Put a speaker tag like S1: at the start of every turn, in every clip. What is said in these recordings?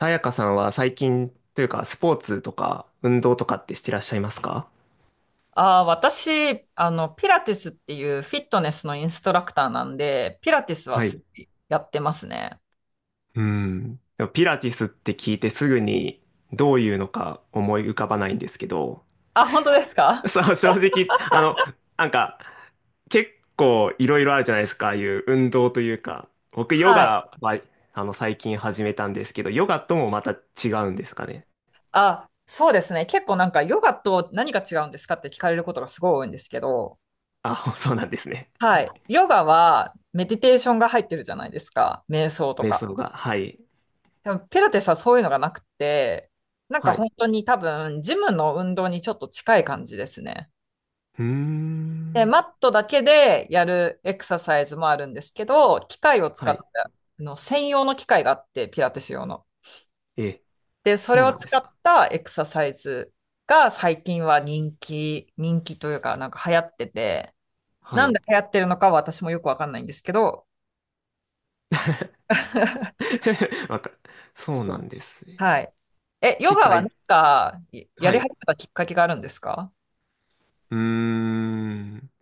S1: さやかさんは最近というか、スポーツとか運動とかってしてらっしゃいますか？
S2: あー私、ピラティスっていうフィットネスのインストラクターなんで、ピラティスは
S1: は
S2: す
S1: い。
S2: ごいやってますね。
S1: うん。でもピラティスって聞いてすぐにどういうのか思い浮かばないんですけど。
S2: あ、本当ですか？
S1: そう、正直、なんか、結構いろいろあるじゃないですか、ああいう運動というか。僕ヨ
S2: はい。
S1: ガは、最近始めたんですけど、ヨガともまた違うんですかね？
S2: あ、そうですね。結構なんかヨガと何が違うんですかって聞かれることがすごい多いんですけど、
S1: あ、そうなんですね。は
S2: は
S1: い。
S2: い。ヨガはメディテーションが入ってるじゃないですか。瞑想と
S1: 瞑
S2: か。
S1: 想が、はい。
S2: でもピラティスはそういうのがなくて、なんか
S1: はい。う
S2: 本当に多分ジムの運動にちょっと近い感じですね。
S1: ー
S2: で、
S1: ん。
S2: マットだけでやるエクササイズもあるんですけど、機械を使
S1: は
S2: っ
S1: い。
S2: た、あの専用の機械があって、ピラティス用の。
S1: ええ、
S2: で、それ
S1: そう
S2: を
S1: なんで
S2: 使
S1: す
S2: っ
S1: か。
S2: たエクササイズが最近は人気というか、なんか流行ってて、
S1: は
S2: なん
S1: い。
S2: で流行ってるのかは私もよくわかんないんですけど、
S1: わか、そう
S2: そ
S1: な
S2: う、
S1: んですね。
S2: はい。え、ヨ
S1: 機
S2: ガはなん
S1: 械、
S2: か、や
S1: は
S2: り始
S1: い。
S2: めたきっかけがあるんですか？
S1: うーん。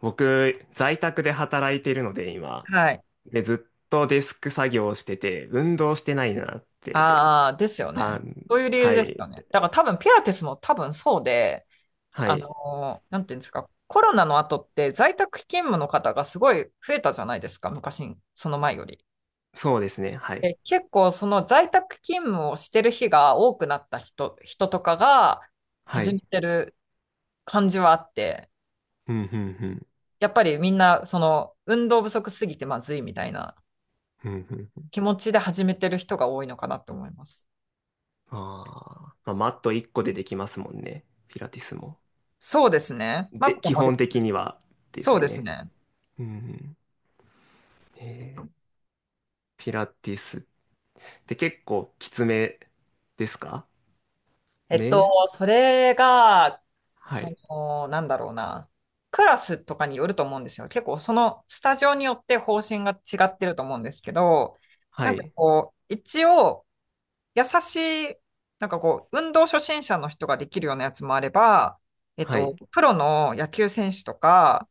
S1: 僕、在宅で働いてるので、今。
S2: はい。
S1: で、ずっとデスク作業をしてて、運動してないなって。
S2: ああ、ですよね。
S1: あ、
S2: そういう理由
S1: は
S2: です
S1: い。
S2: よね。だから多分ピラティスも多分そうで、
S1: はい。
S2: なんていうんですか、コロナの後って在宅勤務の方がすごい増えたじゃないですか、昔、その前より。
S1: そうですね。はい。
S2: で結構その在宅勤務をしてる日が多くなった人とかが
S1: は
S2: 始め
S1: い。
S2: てる感じはあって、
S1: うん、うん、
S2: やっぱりみんなその運動不足すぎてまずいみたいな
S1: うん。うん、うん。
S2: 気持ちで始めてる人が多いのかなと思います。
S1: あーまあ、マット1個でできますもんね。ピラティスも。
S2: そうですね。マ
S1: で、
S2: ット
S1: 基
S2: も、
S1: 本的にはです
S2: そう
S1: よ
S2: です
S1: ね。
S2: ね。
S1: うんうん。えーピラティスで、結構きつめですか？
S2: えっ
S1: め、
S2: と、それが、
S1: は
S2: そ
S1: い。
S2: の、なんだろうな、クラスとかによると思うんですよ。結構、そのスタジオによって方針が違ってると思うんですけど、
S1: は
S2: なんか
S1: い。
S2: こう、一応、優しい、なんかこう、運動初心者の人ができるようなやつもあれば、えっ
S1: はい。
S2: と、プロの野球選手とか、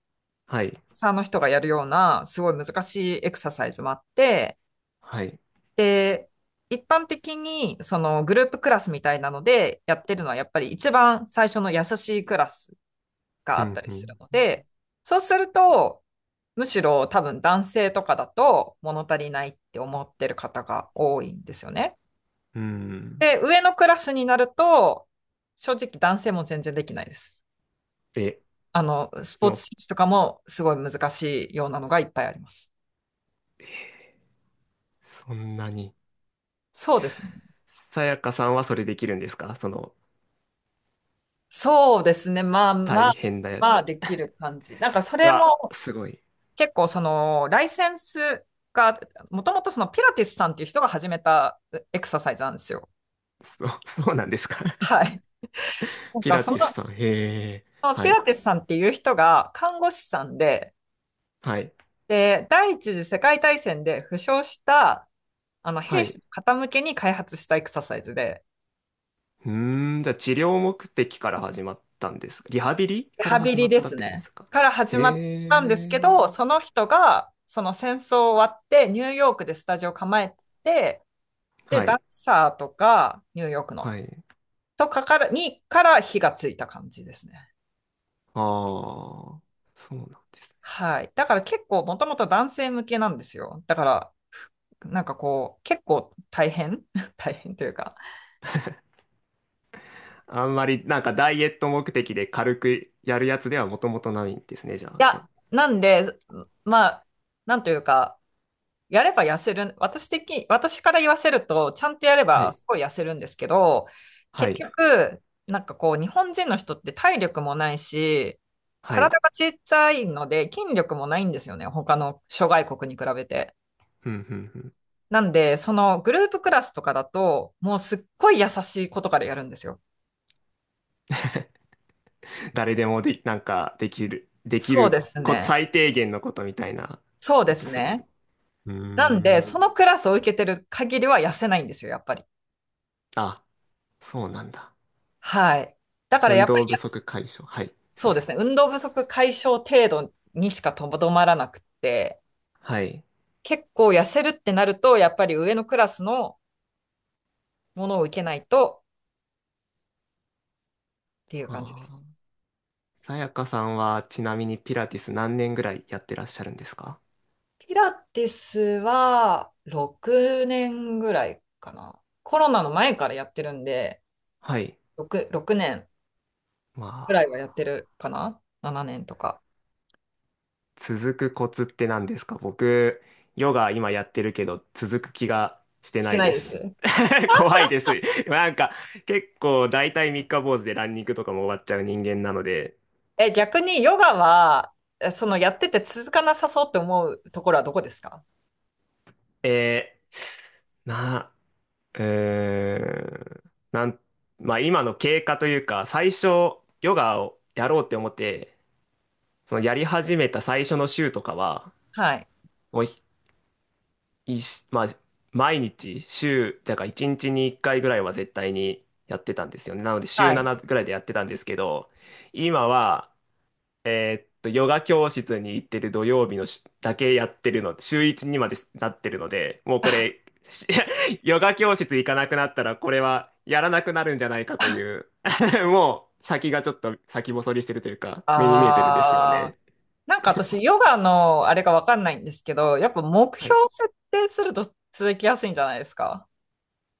S1: はい。
S2: サーの人がやるような、すごい難しいエクササイズもあって、
S1: はい。
S2: で、一般的にそのグループクラスみたいなのでやってるのはやっぱり一番最初の優しいクラスが
S1: う
S2: あっ
S1: ん、
S2: たり
S1: う
S2: する
S1: ん。
S2: ので、そうすると、むしろ多分男性とかだと物足りないって思ってる方が多いんですよね。
S1: うん。
S2: で、上のクラスになると、正直男性も全然できないです。
S1: え、
S2: あの、スポー
S1: も
S2: ツ
S1: う、
S2: 選手とかもすごい難しいようなのがいっぱいあります。
S1: そんなに。
S2: そうですね。
S1: さやかさんはそれできるんですかその、
S2: そうですね。まあま
S1: 大
S2: あ、
S1: 変なや
S2: まあ
S1: つ。
S2: できる感じ。なんかそれ
S1: あ、
S2: も
S1: すごい。
S2: 結構そのライセンスが、もともとそのピラティスさんっていう人が始めたエクササイズなんですよ。
S1: そう、そうなんですか？
S2: はい。なん
S1: ピ
S2: か
S1: ラ
S2: そ
S1: ティス
S2: の、
S1: さん。へえ。
S2: そのピ
S1: は
S2: ラ
S1: い。
S2: ティスさんっていう人が看護師さんで、
S1: はい。
S2: で、第一次世界大戦で負傷したあの
S1: は
S2: 兵士
S1: い。
S2: の方向けに開発したエクササイズで、
S1: うーん、じゃあ治療目的から始まったんですか？リハビリ
S2: リ
S1: から
S2: ハビ
S1: 始ま
S2: リ
S1: っ
S2: で
S1: た
S2: す
S1: ってことで
S2: ね。
S1: すか？
S2: から始まっ
S1: へ
S2: たんですけど、
S1: え。
S2: その人がその戦争終わってニューヨークでスタジオ構えて、で、
S1: は
S2: ダン
S1: い。
S2: サーとか、ニューヨークの、
S1: はい。
S2: とかから、にから火がついた感じですね。
S1: ああ、そうなんですね。
S2: はい。だから結構もともと男性向けなんですよ。だから、なんかこう、結構大変 大変というか。
S1: あんまりなんかダイエット目的で軽くやるやつではもともとないんですね、じゃ
S2: い
S1: あ。
S2: や、なんで、まあ、なんというか、やれば痩せる、私的、私から言わせると、ちゃんとやれ
S1: は
S2: ば
S1: い、
S2: すごい痩せるんですけど、
S1: は
S2: 結
S1: い、
S2: 局、なんかこう、日本人の人って体力もないし、
S1: はい。
S2: 体がちっちゃいので、筋力もないんですよね。他の諸外国に比べて。
S1: ふんふんふん。
S2: なんで、そのグループクラスとかだと、もうすっごい優しい子とかでやるんですよ。
S1: 誰でもで、なんかできる、でき
S2: そうで
S1: る
S2: す
S1: こ、
S2: ね。
S1: 最低限のことみたいな
S2: そう
S1: こ
S2: で
S1: と
S2: す
S1: する。
S2: ね。
S1: うー
S2: なんで、
S1: ん。
S2: そのクラスを受けてる限りは痩せないんですよ、やっぱり。
S1: あ、そうなんだ。
S2: はい。だからや
S1: 運
S2: っぱり、
S1: 動不
S2: や
S1: 足解消。はい、すい
S2: そ
S1: ま
S2: うで
S1: せ
S2: す
S1: ん。
S2: ね。運動不足解消程度にしかとどまらなくって、
S1: はい。
S2: 結構痩せるってなると、やっぱり上のクラスのものを受けないとっていう感じで
S1: あ
S2: す。
S1: あ。さやかさんはちなみにピラティス何年ぐらいやってらっしゃるんですか？
S2: ピラティスは6年ぐらいかな。コロナの前からやってるんで、
S1: はい。
S2: 6、6年
S1: ま
S2: ぐ
S1: あ。
S2: らいはやってるかな？ 7 年とか。
S1: 続くコツって何ですか？僕、ヨガ今やってるけど、続く気がして
S2: し
S1: な
S2: て
S1: い
S2: ない
S1: で
S2: で
S1: す。
S2: す。
S1: 怖いです。なんか、結構大体三日坊主でランニングとかも終わっちゃう人間なので。
S2: え、逆にヨガは、えそのやってて続かなさそうって思うところはどこですか？
S1: えー、な、えー、なん、まあ今の経過というか、最初、ヨガをやろうって思って、そのやり始めた最初の週とかは、
S2: はい。
S1: もういし、まあ、毎日、週、だから1日に1回ぐらいは絶対にやってたんですよね。なので、週
S2: はい。
S1: 7ぐらいでやってたんですけど、今は、ヨガ教室に行ってる土曜日のしだけやってるの、週1にまでなってるので、もうこれ、し ヨガ教室行かなくなったら、これはやらなくなるんじゃないかという、もう先がちょっと先細りしてるというか、目に見えてるんですよ
S2: あ
S1: ね。
S2: ー、なんか私、ヨガのあれがわかんないんですけど、やっぱ目
S1: は
S2: 標
S1: い
S2: 設定すると続きやすいんじゃないですか？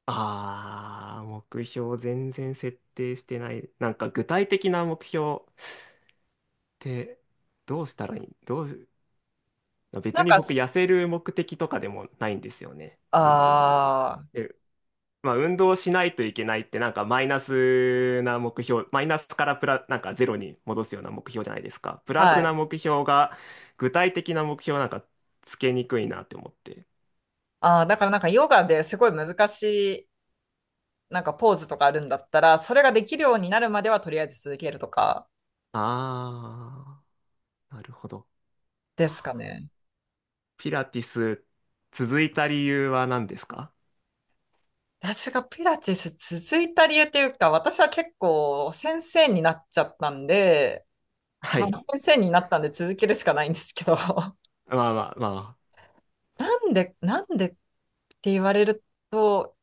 S1: あー、目標全然設定してない。なんか具体的な目標ってどうしたらいいどう、
S2: な
S1: 別
S2: ん
S1: に
S2: か、
S1: 僕痩せる目的とかでもないんですよね。うん。
S2: あ
S1: で、まあ運動しないといけないってなんかマイナスな目標、マイナスからプラ、なんかゼロに戻すような目標じゃないですか。プ
S2: ー、
S1: ラ
S2: は
S1: スな
S2: い。
S1: 目標が具体的な目標なんかつけにくいなって思って。
S2: あー、だからなんかヨガですごい難しい、なんかポーズとかあるんだったら、それができるようになるまではとりあえず続けるとか
S1: あー、なるほど。
S2: ですかね。
S1: ピラティス続いた理由は何ですか？
S2: 私がピラティス続いた理由っていうか、私は結構先生になっちゃったんで、
S1: は
S2: ま
S1: い。
S2: あ、先生になったんで続けるしかないんですけど、
S1: まあまあまあ。
S2: なんで、なんでって言われると、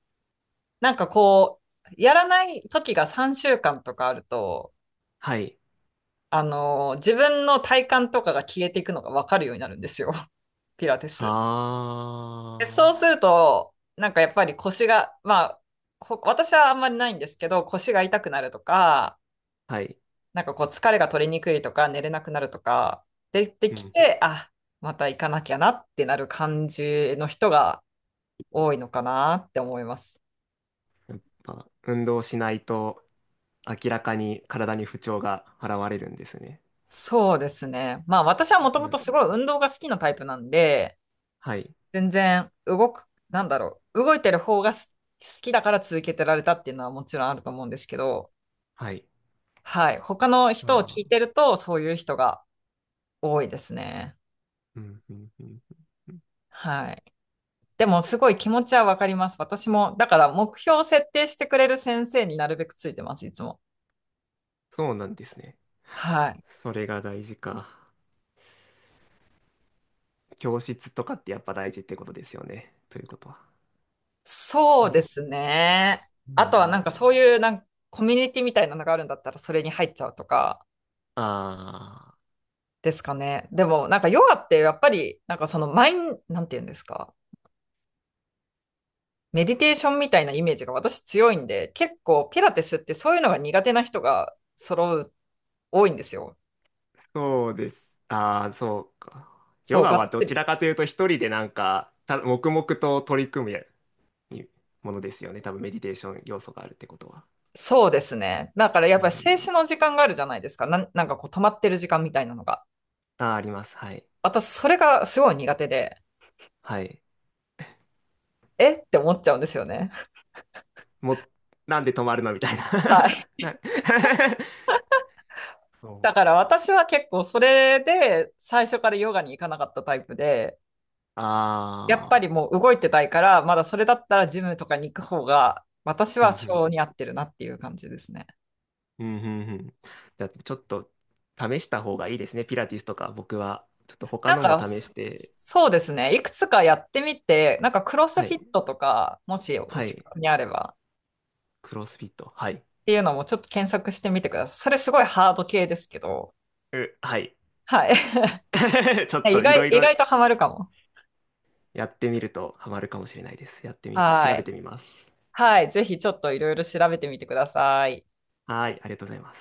S2: なんかこう、やらない時が3週間とかあると、
S1: はい。
S2: あの、自分の体感とかが消えていくのがわかるようになるんですよ。ピラティス。でそう
S1: あ
S2: すると、なんかやっぱり腰が、まあ、ほ私はあんまりないんですけど、腰が痛くなるとか、
S1: あ。はい。
S2: なんかこう疲れが取れにくいとか寝れなくなるとか出て
S1: う
S2: き
S1: ん。
S2: て、あ、また行かなきゃなってなる感じの人が多いのかなって思います。
S1: やっぱ運動しないと明らかに体に不調が現れるんですね。
S2: そうですね。まあ私はもと
S1: ピ
S2: も
S1: ラ
S2: と
S1: テ
S2: す
S1: ィ
S2: ごい
S1: ス
S2: 運動が好きなタイプなんで、
S1: はい。
S2: 全然動く、なんだろう、動いてる方がす好きだから続けてられたっていうのはもちろんあると思うんですけど、
S1: はい。
S2: はい。他の人を
S1: あ
S2: 聞いて
S1: あ。
S2: るとそういう人が多いですね。
S1: うん、うん、うん。
S2: はい。でもすごい気持ちはわかります。私も、だから目標を設定してくれる先生になるべくついてます、いつも。
S1: そうなんですね。
S2: はい。
S1: それが大事か。教室とかってやっぱ大事ってことですよね。ということは。
S2: そ
S1: う
S2: うで
S1: ん。
S2: すね。
S1: う
S2: あとはな
S1: ん。
S2: んかそういうなんかコミュニティみたいなのがあるんだったらそれに入っちゃうとか
S1: ああ。
S2: ですかね。でもなんかヨガってやっぱりなんかそのマイン、なんて言うんですか。メディテーションみたいなイメージが私強いんで、結構ピラティスってそういうのが苦手な人が揃う、多いんですよ。
S1: そうです。ああ、そうか。ヨ
S2: そう、
S1: ガ
S2: がっ
S1: はど
S2: つ
S1: ち
S2: り。
S1: らかというと一人でなんか、た、黙々と取り組むやものですよね。多分メディテーション要素があるってことは。
S2: そうですね。だからやっ
S1: う
S2: ぱり静
S1: ん。
S2: 止の時間があるじゃないですか。なん、なんかこう止まってる時間みたいなのが。
S1: あー、あります。はい。
S2: 私、それがすごい苦手で、
S1: はい。
S2: えって思っちゃうんですよね。
S1: もう、なんで止まるのみたいな。
S2: は い。
S1: な そ
S2: だから私は結構それで最初からヨガに行かなかったタイプで、
S1: う。あ
S2: やっぱ
S1: あ。
S2: りもう動いてたいから、まだそれだったらジムとかに行く方が、私
S1: うん、
S2: は
S1: う
S2: 性
S1: ん、
S2: に合ってるなっていう感じですね。
S1: うん、うん。うんうんじゃあ、ちょっと試した方がいいですね。ピラティスとか、僕は。ちょっと他
S2: なん
S1: のも
S2: か、
S1: 試して。
S2: そうですね。いくつかやってみて、なんかクロス
S1: は
S2: フ
S1: い。
S2: ィットとか、もしお
S1: は
S2: 近
S1: い。
S2: くにあれば、
S1: クロスフィット。はい。
S2: っていうのもちょっと検索してみてください。それすごいハード系ですけど、
S1: う、はい。
S2: はい。
S1: ちょっ
S2: 意
S1: といろ
S2: 外、
S1: い
S2: 意
S1: ろ
S2: 外とハマるかも。
S1: やってみるとハマるかもしれないです。やってみ、
S2: は
S1: 調べ
S2: い。
S1: てみます。
S2: はい。ぜひちょっといろいろ調べてみてください。
S1: はい、ありがとうございます。